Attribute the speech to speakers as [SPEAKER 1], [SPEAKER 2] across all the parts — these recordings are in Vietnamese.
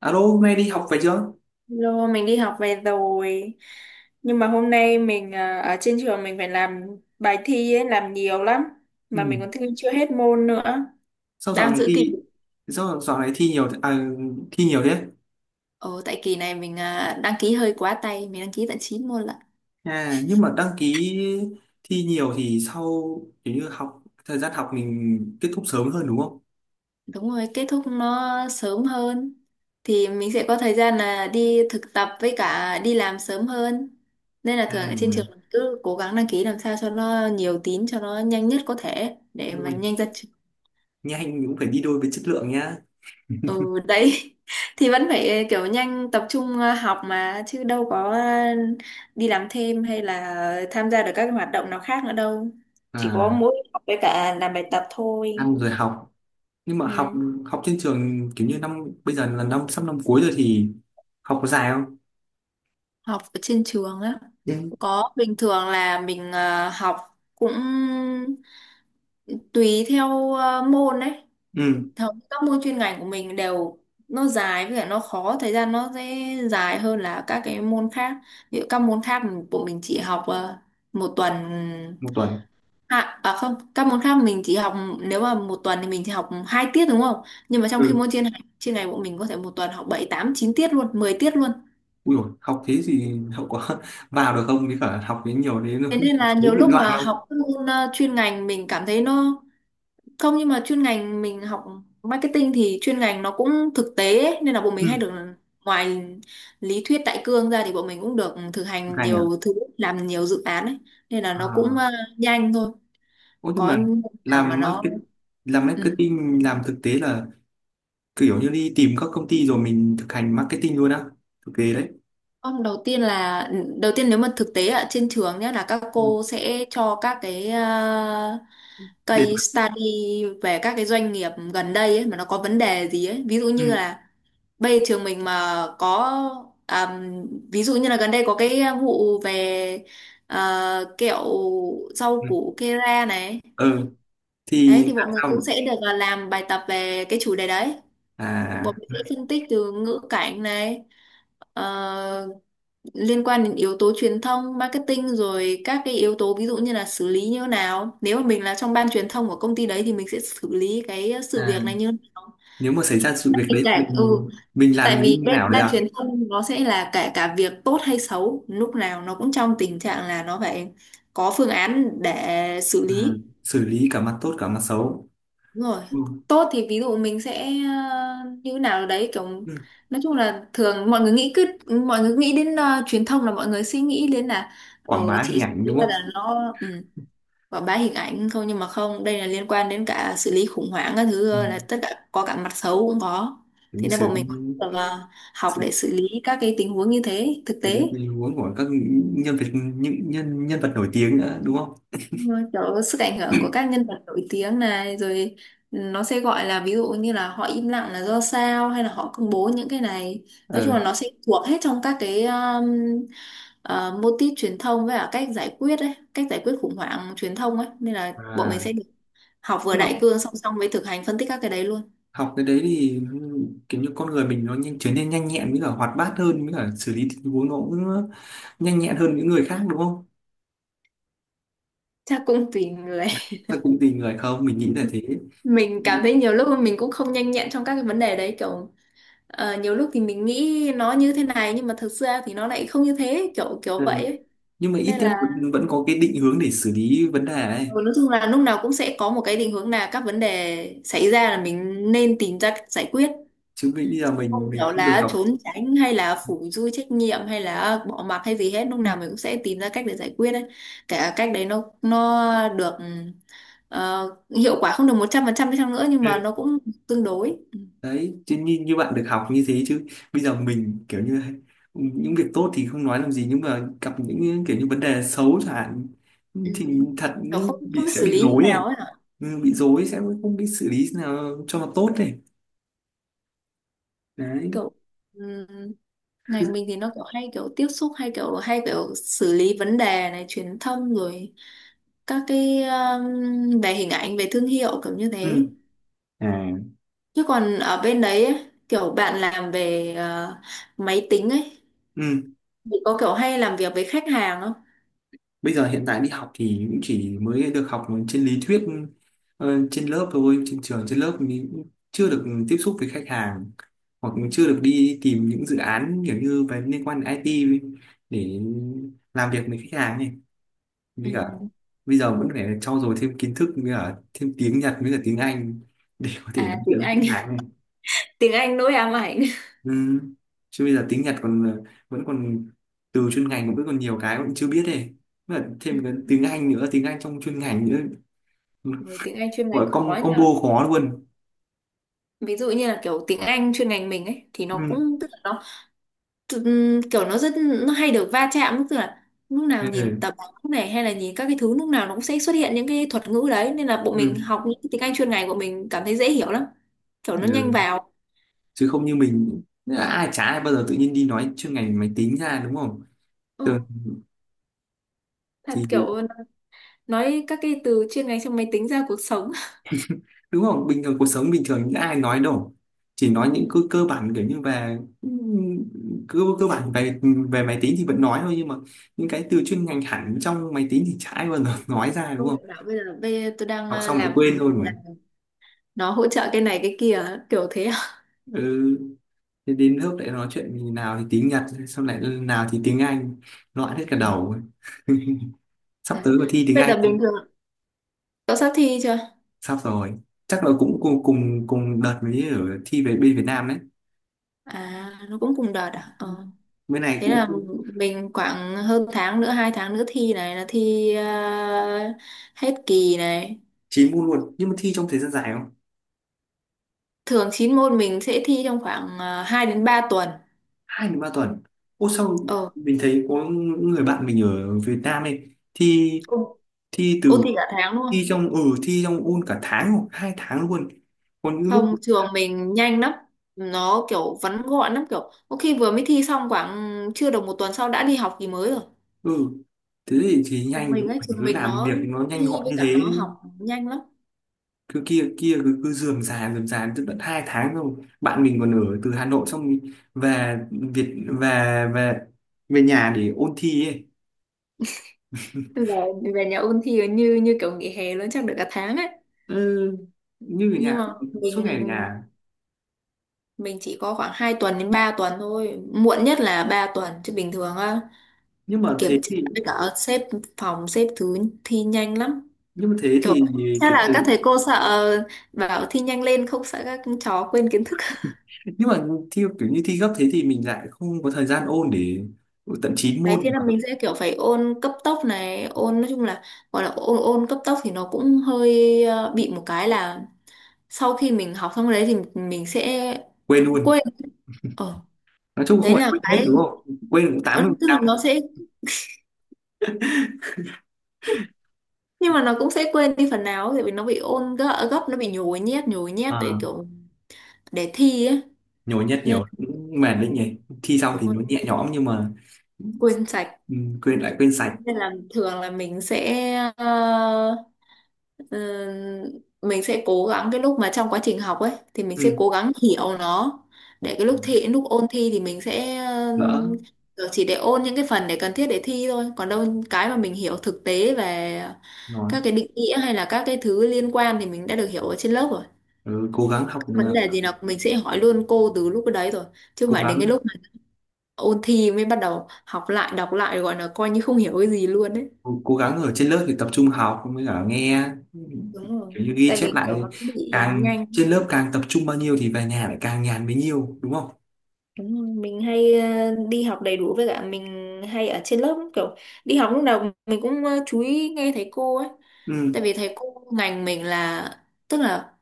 [SPEAKER 1] Alo, hôm nay đi học về chưa?
[SPEAKER 2] Lô, mình đi học về rồi. Nhưng mà hôm nay ở trên trường mình phải làm bài thi ấy, làm nhiều lắm.
[SPEAKER 1] Ừ.
[SPEAKER 2] Mà mình còn thi chưa hết môn nữa.
[SPEAKER 1] Sao dạo
[SPEAKER 2] Đang
[SPEAKER 1] này
[SPEAKER 2] giữ kỳ.
[SPEAKER 1] thi sao dạo này thi nhiều à, thi nhiều thế?
[SPEAKER 2] Ồ, tại kỳ này đăng ký hơi quá tay, mình đăng ký tận 9 môn lận.
[SPEAKER 1] À, nhưng mà đăng ký thi nhiều thì sau kiểu như thời gian học mình kết thúc sớm hơn đúng không?
[SPEAKER 2] Đúng rồi, kết thúc nó sớm hơn. Thì mình sẽ có thời gian là đi thực tập với cả đi làm sớm hơn. Nên là thường ở trên trường
[SPEAKER 1] À,
[SPEAKER 2] cứ cố gắng đăng ký làm sao cho nó nhiều tín, cho nó nhanh nhất có thể để
[SPEAKER 1] đúng
[SPEAKER 2] mà
[SPEAKER 1] rồi.
[SPEAKER 2] nhanh ra.
[SPEAKER 1] Nhanh cũng phải đi đôi với chất lượng nhá.
[SPEAKER 2] Ừ đấy thì vẫn phải kiểu nhanh tập trung học mà chứ đâu có đi làm thêm hay là tham gia được các hoạt động nào khác nữa đâu, chỉ có
[SPEAKER 1] À,
[SPEAKER 2] mỗi học với cả làm bài tập thôi.
[SPEAKER 1] ăn rồi học. Nhưng mà
[SPEAKER 2] Ừ.
[SPEAKER 1] học học trên trường kiểu như năm bây giờ là sắp năm cuối rồi thì học có dài không?
[SPEAKER 2] Học ở trên trường á,
[SPEAKER 1] Ừ.
[SPEAKER 2] có bình thường là mình học cũng tùy theo môn đấy.
[SPEAKER 1] Ừ,
[SPEAKER 2] Thường các môn chuyên ngành của mình đều nó dài với cả nó khó, thời gian nó sẽ dài hơn là các cái môn khác. Ví dụ các môn khác của mình chỉ học một tuần.
[SPEAKER 1] 1 tuần.
[SPEAKER 2] À không, các môn khác mình chỉ học, nếu mà một tuần thì mình chỉ học hai tiết đúng không, nhưng mà trong khi
[SPEAKER 1] Ừ.
[SPEAKER 2] môn chuyên ngành của mình có thể một tuần học bảy tám chín tiết luôn, 10 tiết luôn.
[SPEAKER 1] Ui dồi, học thế thì hậu quả vào được không? Với cả học đến nhiều đến nó
[SPEAKER 2] Thế nên là
[SPEAKER 1] thú
[SPEAKER 2] nhiều
[SPEAKER 1] bị
[SPEAKER 2] lúc
[SPEAKER 1] loạn
[SPEAKER 2] mà
[SPEAKER 1] không?
[SPEAKER 2] học các môn chuyên ngành mình cảm thấy nó. Không, nhưng mà chuyên ngành mình học marketing thì chuyên ngành nó cũng thực tế ấy, nên là bọn mình hay
[SPEAKER 1] Ừ,
[SPEAKER 2] được, ngoài lý thuyết đại cương ra thì bọn mình cũng được thực hành
[SPEAKER 1] hay nhỉ?
[SPEAKER 2] nhiều thứ, làm nhiều dự án ấy. Nên là
[SPEAKER 1] À,
[SPEAKER 2] nó cũng nhanh thôi.
[SPEAKER 1] ô, nhưng mà
[SPEAKER 2] Có nào mà
[SPEAKER 1] làm
[SPEAKER 2] nó
[SPEAKER 1] market, làm
[SPEAKER 2] ừ.
[SPEAKER 1] marketing, làm thực tế là kiểu như đi tìm các công ty rồi mình thực hành marketing luôn á. Thực tế đấy.
[SPEAKER 2] Không, đầu tiên nếu mà thực tế ở trên trường nhé là các
[SPEAKER 1] Ừ.
[SPEAKER 2] cô sẽ cho các cái
[SPEAKER 1] Để,
[SPEAKER 2] case study về các cái doanh nghiệp gần đây ấy, mà nó có vấn đề gì ấy, ví dụ như
[SPEAKER 1] ừ.
[SPEAKER 2] là bây giờ trường mình mà có, à, ví dụ như là gần đây có cái vụ về kẹo rau
[SPEAKER 1] Ừ.
[SPEAKER 2] củ Kera này.
[SPEAKER 1] Ừ.
[SPEAKER 2] Đấy
[SPEAKER 1] Thì
[SPEAKER 2] thì
[SPEAKER 1] làm
[SPEAKER 2] bọn mình cũng
[SPEAKER 1] sao?
[SPEAKER 2] sẽ được, làm bài tập về cái chủ đề đấy, bọn
[SPEAKER 1] À,
[SPEAKER 2] mình sẽ phân tích từ ngữ cảnh này ờ, liên quan đến yếu tố truyền thông marketing, rồi các cái yếu tố ví dụ như là xử lý như thế nào nếu mà mình là trong ban truyền thông của công ty đấy thì mình sẽ xử lý cái sự
[SPEAKER 1] à,
[SPEAKER 2] việc này như thế nào,
[SPEAKER 1] nếu mà xảy ra sự việc
[SPEAKER 2] kể
[SPEAKER 1] đấy
[SPEAKER 2] cả
[SPEAKER 1] mình
[SPEAKER 2] ừ.
[SPEAKER 1] mình làm
[SPEAKER 2] Tại vì
[SPEAKER 1] như thế nào
[SPEAKER 2] bên
[SPEAKER 1] đấy
[SPEAKER 2] ban
[SPEAKER 1] à?
[SPEAKER 2] truyền thông nó sẽ là cả cả việc tốt hay xấu, lúc nào nó cũng trong tình trạng là nó phải có phương án để xử
[SPEAKER 1] À,
[SPEAKER 2] lý.
[SPEAKER 1] xử lý cả mặt tốt cả mặt xấu.
[SPEAKER 2] Đúng rồi.
[SPEAKER 1] Ừ.
[SPEAKER 2] Tốt thì ví dụ mình sẽ như thế nào đấy, kiểu
[SPEAKER 1] Ừ.
[SPEAKER 2] nói chung là thường mọi người nghĩ cứ mọi người nghĩ đến truyền thông là mọi người suy nghĩ đến là ờ,
[SPEAKER 1] Quảng bá hình
[SPEAKER 2] chỉ
[SPEAKER 1] ảnh
[SPEAKER 2] nghĩ
[SPEAKER 1] đúng
[SPEAKER 2] ra
[SPEAKER 1] không?
[SPEAKER 2] là nó ừ quảng bá hình ảnh không, nhưng mà không, đây là liên quan đến cả xử lý khủng hoảng các
[SPEAKER 1] Ừ.
[SPEAKER 2] thứ, là tất cả, có cả mặt xấu cũng có. Thì
[SPEAKER 1] Đúng,
[SPEAKER 2] nên
[SPEAKER 1] xử
[SPEAKER 2] bọn mình
[SPEAKER 1] lý
[SPEAKER 2] cũng được học
[SPEAKER 1] xử
[SPEAKER 2] để xử lý các cái tình huống như thế thực
[SPEAKER 1] lý
[SPEAKER 2] tế.
[SPEAKER 1] tình huống của các nhân vật, những nhân nhân vật nổi tiếng nữa đúng không?
[SPEAKER 2] Đúng rồi, kiểu sức ảnh hưởng của các nhân vật nổi tiếng này rồi nó sẽ gọi là, ví dụ như là họ im lặng là do sao, hay là họ công bố những cái này. Nói
[SPEAKER 1] Ờ,
[SPEAKER 2] chung là nó sẽ thuộc hết trong các cái mô típ truyền thông với cả cách giải quyết ấy, cách giải quyết khủng hoảng truyền thông ấy, nên là bọn mình
[SPEAKER 1] à,
[SPEAKER 2] sẽ được học vừa
[SPEAKER 1] nhưng mà
[SPEAKER 2] đại cương song song với thực hành phân tích các cái đấy luôn.
[SPEAKER 1] học cái đấy thì kiểu như con người mình nó nhanh, trở nên nhanh nhẹn với cả hoạt bát hơn, với cả xử lý tình huống nó cũng nhanh nhẹn hơn những người khác đúng không?
[SPEAKER 2] Chắc cũng vì là
[SPEAKER 1] Hay cũng tùy người không? Mình nghĩ là thế.
[SPEAKER 2] mình cảm thấy nhiều lúc mình cũng không nhanh nhẹn trong các cái vấn đề đấy, kiểu nhiều lúc thì mình nghĩ nó như thế này nhưng mà thực ra thì nó lại không như thế, kiểu kiểu
[SPEAKER 1] Ừ.
[SPEAKER 2] vậy ấy.
[SPEAKER 1] Nhưng mà ít
[SPEAKER 2] Nên
[SPEAKER 1] nhất
[SPEAKER 2] là
[SPEAKER 1] vẫn có cái định hướng để xử lý vấn đề ấy.
[SPEAKER 2] ừ, nói chung là lúc nào cũng sẽ có một cái định hướng là các vấn đề xảy ra là mình nên tìm ra cách giải quyết,
[SPEAKER 1] Chứ bây giờ mình
[SPEAKER 2] không
[SPEAKER 1] mình
[SPEAKER 2] kiểu
[SPEAKER 1] không được
[SPEAKER 2] là
[SPEAKER 1] học.
[SPEAKER 2] trốn tránh hay là phủi dui trách nhiệm hay là bỏ mặc hay gì hết, lúc nào mình cũng sẽ tìm ra cách để giải quyết ấy. Cả cách đấy nó được hiệu quả không được một trăm phần trăm đi chăng nữa nhưng mà nó cũng tương đối.
[SPEAKER 1] Đấy, chứ như bạn được học như thế, chứ bây giờ mình kiểu như những việc tốt thì không nói làm gì, nhưng mà gặp những kiểu như vấn đề xấu chẳng hạn
[SPEAKER 2] Ừ.
[SPEAKER 1] thì thật
[SPEAKER 2] Kiểu không,
[SPEAKER 1] bị
[SPEAKER 2] không biết
[SPEAKER 1] sẽ
[SPEAKER 2] xử
[SPEAKER 1] bị
[SPEAKER 2] lý như
[SPEAKER 1] rối
[SPEAKER 2] nào
[SPEAKER 1] ấy.
[SPEAKER 2] ấy hả,
[SPEAKER 1] Ừ, bị rối sẽ không biết xử lý nào cho nó tốt này. Đấy.
[SPEAKER 2] kiểu ừm, ngành mình thì nó kiểu hay kiểu tiếp xúc hay kiểu xử lý vấn đề này, truyền thông rồi các cái về hình ảnh về thương hiệu kiểu như
[SPEAKER 1] Ừ.
[SPEAKER 2] thế.
[SPEAKER 1] À.
[SPEAKER 2] Chứ còn ở bên đấy ấy, kiểu bạn làm về máy tính ấy
[SPEAKER 1] Ừ.
[SPEAKER 2] thì có kiểu hay làm việc với khách hàng không?
[SPEAKER 1] Bây giờ hiện tại đi học thì cũng chỉ mới được học trên lý thuyết, trên lớp thôi, trên trường trên lớp mình cũng chưa được tiếp xúc với khách hàng, hoặc
[SPEAKER 2] Ừ.
[SPEAKER 1] chưa được đi tìm những dự án kiểu như về liên quan đến IT để làm việc với khách hàng này,
[SPEAKER 2] Ừ.
[SPEAKER 1] với cả bây giờ vẫn phải trau dồi thêm kiến thức với cả thêm tiếng Nhật với cả tiếng Anh để có thể
[SPEAKER 2] À
[SPEAKER 1] nói chuyện
[SPEAKER 2] tiếng
[SPEAKER 1] với
[SPEAKER 2] Anh.
[SPEAKER 1] khách hàng này.
[SPEAKER 2] Tiếng Anh nỗi ám ảnh.
[SPEAKER 1] Ừ. Chứ bây giờ tiếng Nhật còn vẫn còn từ chuyên ngành cũng vẫn còn nhiều cái vẫn chưa biết này. Với cả
[SPEAKER 2] Ừ.
[SPEAKER 1] thêm cái tiếng Anh nữa, tiếng Anh trong chuyên ngành nữa. Ừ.
[SPEAKER 2] Với tiếng Anh chuyên
[SPEAKER 1] Gọi
[SPEAKER 2] ngành khó
[SPEAKER 1] com
[SPEAKER 2] nhỉ.
[SPEAKER 1] combo khó luôn.
[SPEAKER 2] Ví dụ như là kiểu tiếng Anh chuyên ngành mình ấy thì nó
[SPEAKER 1] Ừ.
[SPEAKER 2] cũng tức là nó kiểu nó rất, nó hay được va chạm, tức là lúc nào nhìn
[SPEAKER 1] Ừ.
[SPEAKER 2] tập báo này hay là nhìn các cái thứ lúc nào nó cũng sẽ xuất hiện những cái thuật ngữ đấy, nên là bọn mình
[SPEAKER 1] Ừ.
[SPEAKER 2] học những cái tiếng Anh chuyên ngành của mình cảm thấy dễ hiểu lắm. Kiểu nó nhanh
[SPEAKER 1] Ừ.
[SPEAKER 2] vào.
[SPEAKER 1] Chứ không như mình, ai bao giờ tự nhiên đi nói chuyên ngành máy tính ra đúng không. Thường
[SPEAKER 2] Ừ, thật
[SPEAKER 1] thì
[SPEAKER 2] kiểu nói các cái từ chuyên ngành trong máy tính ra cuộc sống.
[SPEAKER 1] đúng không, bình thường cuộc sống bình thường những ai nói đâu, chỉ nói những cơ cơ bản kiểu như về cơ cơ bản về về máy tính thì vẫn nói thôi, nhưng mà những cái từ chuyên ngành hẳn trong máy tính thì chả ai bao giờ nói ra đúng
[SPEAKER 2] Không
[SPEAKER 1] không.
[SPEAKER 2] phải bảo bây giờ tôi đang
[SPEAKER 1] Học
[SPEAKER 2] ờ,
[SPEAKER 1] xong lại
[SPEAKER 2] làm
[SPEAKER 1] quên
[SPEAKER 2] phần
[SPEAKER 1] thôi
[SPEAKER 2] mềm
[SPEAKER 1] mà.
[SPEAKER 2] này, nó hỗ trợ cái này cái kia kiểu thế à?
[SPEAKER 1] Ừ. Thế đến lớp lại nói chuyện thì nào thì tiếng Nhật, xong lại nào thì tiếng Anh, loạn hết cả
[SPEAKER 2] Ừ.
[SPEAKER 1] đầu. Sắp
[SPEAKER 2] À,
[SPEAKER 1] tới có thi tiếng
[SPEAKER 2] vậy
[SPEAKER 1] Anh.
[SPEAKER 2] là bình thường cậu sắp thi chưa?
[SPEAKER 1] Sắp rồi, chắc là cũng cùng cùng cùng đợt mới ở thi về bên Việt Nam đấy.
[SPEAKER 2] À nó cũng cùng đợt à, ờ.
[SPEAKER 1] Bên này
[SPEAKER 2] Thế
[SPEAKER 1] cũng
[SPEAKER 2] là mình khoảng hơn tháng nữa, hai tháng nữa thi, này là thi hết kỳ này.
[SPEAKER 1] 9 môn luôn, nhưng mà thi trong thời gian dài không?
[SPEAKER 2] Thường 9 môn mình sẽ thi trong khoảng 2 đến 3 tuần.
[SPEAKER 1] 2 đến 3 tuần. Ô, sao
[SPEAKER 2] Ờ
[SPEAKER 1] mình thấy có những người bạn mình ở Việt Nam ấy, thi
[SPEAKER 2] ôn,
[SPEAKER 1] thi
[SPEAKER 2] ôn
[SPEAKER 1] từ
[SPEAKER 2] thi cả tháng luôn.
[SPEAKER 1] thi trong ừ, thi trong ôn cả tháng hoặc 2 tháng luôn. Còn những lúc
[SPEAKER 2] Không, trường mình nhanh lắm, nó kiểu vắn gọn lắm, kiểu có khi vừa mới thi xong khoảng chưa được một tuần sau đã đi học kỳ mới rồi.
[SPEAKER 1] ừ thế thì
[SPEAKER 2] trường
[SPEAKER 1] nhanh,
[SPEAKER 2] mình
[SPEAKER 1] lúc
[SPEAKER 2] ấy
[SPEAKER 1] phải
[SPEAKER 2] trường
[SPEAKER 1] cứ
[SPEAKER 2] mình
[SPEAKER 1] làm
[SPEAKER 2] nó
[SPEAKER 1] việc nó nhanh
[SPEAKER 2] thi
[SPEAKER 1] gọn
[SPEAKER 2] với
[SPEAKER 1] như
[SPEAKER 2] cả
[SPEAKER 1] thế,
[SPEAKER 2] nó học nhanh lắm.
[SPEAKER 1] cứ kia kia cứ cứ rườm rà tận tận 2 tháng rồi. Bạn mình còn ở từ Hà Nội xong thì về Việt về về về nhà để ôn thi ấy.
[SPEAKER 2] Bây giờ về nhà ôn thi như như kiểu nghỉ hè luôn, chắc được cả tháng ấy.
[SPEAKER 1] Ừ, như ở nhà
[SPEAKER 2] Nhưng mà mình
[SPEAKER 1] suốt ngày ở nhà.
[SPEAKER 2] mình chỉ có khoảng 2 tuần đến 3 tuần thôi, muộn nhất là 3 tuần chứ bình thường á,
[SPEAKER 1] Nhưng mà
[SPEAKER 2] kiểm
[SPEAKER 1] thế
[SPEAKER 2] tra
[SPEAKER 1] thì
[SPEAKER 2] với cả xếp phòng xếp thứ thi nhanh lắm.
[SPEAKER 1] nhưng mà thế
[SPEAKER 2] Kiểu
[SPEAKER 1] thì
[SPEAKER 2] chắc
[SPEAKER 1] cái
[SPEAKER 2] là
[SPEAKER 1] thời,
[SPEAKER 2] các thầy cô sợ bảo thi nhanh lên không sợ các cháu quên kiến thức.
[SPEAKER 1] nhưng mà thi kiểu như thi gấp thế thì mình lại không có thời gian ôn để tận 9
[SPEAKER 2] Đấy, thế
[SPEAKER 1] môn
[SPEAKER 2] là
[SPEAKER 1] mà.
[SPEAKER 2] mình sẽ kiểu phải ôn cấp tốc này, ôn nói chung là gọi là ôn ôn cấp tốc thì nó cũng hơi bị một cái là sau khi mình học xong đấy thì mình sẽ
[SPEAKER 1] Quên luôn,
[SPEAKER 2] quên. Ờ,
[SPEAKER 1] nói chung không
[SPEAKER 2] đấy
[SPEAKER 1] phải
[SPEAKER 2] là
[SPEAKER 1] quên hết
[SPEAKER 2] cái
[SPEAKER 1] đúng không, quên cũng
[SPEAKER 2] ờ, tức là
[SPEAKER 1] 80%.
[SPEAKER 2] nó sẽ, nhưng mà nó cũng sẽ quên đi phần nào tại vì nó bị ôn gấp nó bị nhồi nhét để
[SPEAKER 1] À,
[SPEAKER 2] kiểu để thi ấy.
[SPEAKER 1] nhồi nhét
[SPEAKER 2] Nên
[SPEAKER 1] nhiều cũng mệt
[SPEAKER 2] ừ,
[SPEAKER 1] đấy nhỉ, thi xong
[SPEAKER 2] đúng
[SPEAKER 1] thì
[SPEAKER 2] rồi,
[SPEAKER 1] nó nhẹ nhõm nhưng mà
[SPEAKER 2] quên sạch.
[SPEAKER 1] ừ, quên lại quên sạch.
[SPEAKER 2] Nên là thường là mình sẽ Ờ, mình sẽ cố gắng cái lúc mà trong quá trình học ấy thì mình sẽ
[SPEAKER 1] Ừ.
[SPEAKER 2] cố gắng hiểu nó, để cái lúc thi, lúc ôn thi thì mình sẽ
[SPEAKER 1] Đỡ
[SPEAKER 2] kiểu chỉ để ôn những cái phần để cần thiết để thi thôi, còn đâu cái mà mình hiểu thực tế về
[SPEAKER 1] nói.
[SPEAKER 2] các cái định nghĩa hay là các cái thứ liên quan thì mình đã được hiểu ở trên lớp rồi.
[SPEAKER 1] Ừ, cố gắng
[SPEAKER 2] Các
[SPEAKER 1] học.
[SPEAKER 2] vấn đề
[SPEAKER 1] ờ,
[SPEAKER 2] gì là mình sẽ hỏi luôn cô từ lúc đấy rồi, chứ không
[SPEAKER 1] cố
[SPEAKER 2] phải đến cái
[SPEAKER 1] gắng
[SPEAKER 2] lúc mà ôn thi mới bắt đầu học lại, đọc lại, gọi là coi như không hiểu cái gì luôn đấy.
[SPEAKER 1] cố, cố gắng ở trên lớp thì tập trung học mới cả nghe,
[SPEAKER 2] Đúng rồi,
[SPEAKER 1] kiểu như ghi
[SPEAKER 2] tại vì
[SPEAKER 1] chép
[SPEAKER 2] kiểu
[SPEAKER 1] lại.
[SPEAKER 2] nó cũng bị
[SPEAKER 1] Càng
[SPEAKER 2] nhanh.
[SPEAKER 1] trên lớp càng tập trung bao nhiêu thì về nhà lại càng nhàn bấy nhiêu đúng không?
[SPEAKER 2] Đúng rồi, mình hay đi học đầy đủ với cả mình hay ở trên lớp, kiểu đi học lúc nào mình cũng chú ý nghe thầy cô ấy.
[SPEAKER 1] Ừ.
[SPEAKER 2] Tại vì thầy cô ngành mình là tức là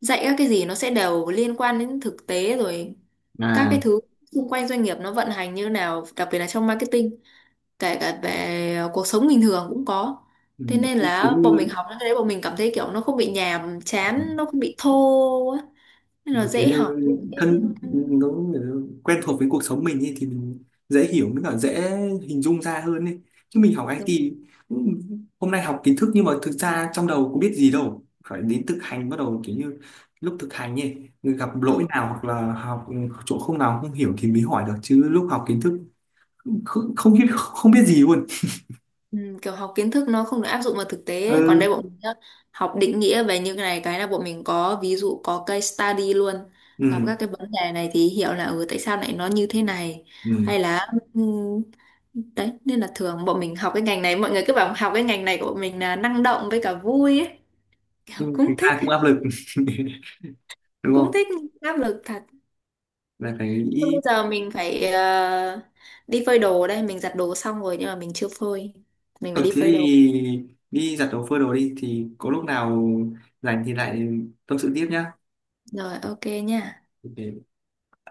[SPEAKER 2] dạy các cái gì nó sẽ đều liên quan đến thực tế rồi, các cái
[SPEAKER 1] À.
[SPEAKER 2] thứ xung quanh doanh nghiệp nó vận hành như thế nào, đặc biệt là trong marketing, kể cả về cuộc sống bình thường cũng có.
[SPEAKER 1] Ừ.
[SPEAKER 2] Thế nên
[SPEAKER 1] Thế kiểu
[SPEAKER 2] là bọn mình
[SPEAKER 1] như
[SPEAKER 2] học những cái đấy bọn mình cảm thấy kiểu nó không bị nhàm chán, nó không bị thô á, nên là
[SPEAKER 1] một kiểu
[SPEAKER 2] dễ
[SPEAKER 1] như
[SPEAKER 2] học dễ.
[SPEAKER 1] thân nó quen thuộc với cuộc sống mình ấy, thì mình dễ hiểu mới cả dễ hình dung ra hơn ấy. Chứ mình học
[SPEAKER 2] Ừ, ừ.
[SPEAKER 1] IT cũng- hôm nay học kiến thức nhưng mà thực ra trong đầu có biết gì đâu, phải đến thực hành bắt đầu kiểu như lúc thực hành ấy gặp lỗi nào hoặc là học chỗ không nào không hiểu thì mới hỏi được, chứ lúc học kiến thức không không biết không biết gì luôn.
[SPEAKER 2] Ừ, kiểu học kiến thức nó không được áp dụng vào thực tế ấy. Còn đây
[SPEAKER 1] Ừ,
[SPEAKER 2] bọn mình nhá, học định nghĩa về những cái này cái là bọn mình có ví dụ, có case study luôn. Gặp
[SPEAKER 1] ừ,
[SPEAKER 2] các cái vấn đề này thì hiểu là ừ, tại sao lại nó như thế này,
[SPEAKER 1] ừ.
[SPEAKER 2] hay là ừ, đấy nên là thường bọn mình học cái ngành này, mọi người cứ bảo học cái ngành này của bọn mình là năng động với cả vui ấy, kiểu
[SPEAKER 1] Nhưng thực
[SPEAKER 2] cũng thích.
[SPEAKER 1] ra cũng áp lực đúng
[SPEAKER 2] Cũng
[SPEAKER 1] không,
[SPEAKER 2] thích nhưng áp lực thật.
[SPEAKER 1] là phải
[SPEAKER 2] Thôi
[SPEAKER 1] nghĩ.
[SPEAKER 2] bây giờ mình phải đi phơi đồ đây, mình giặt đồ xong rồi nhưng mà mình chưa phơi, mình phải
[SPEAKER 1] Ừ,
[SPEAKER 2] đi
[SPEAKER 1] thế
[SPEAKER 2] phơi đồ.
[SPEAKER 1] thì đi giặt đồ phơi đồ đi thì có lúc nào rảnh thì lại tâm sự tiếp nhá.
[SPEAKER 2] Rồi ok nha.
[SPEAKER 1] Ok.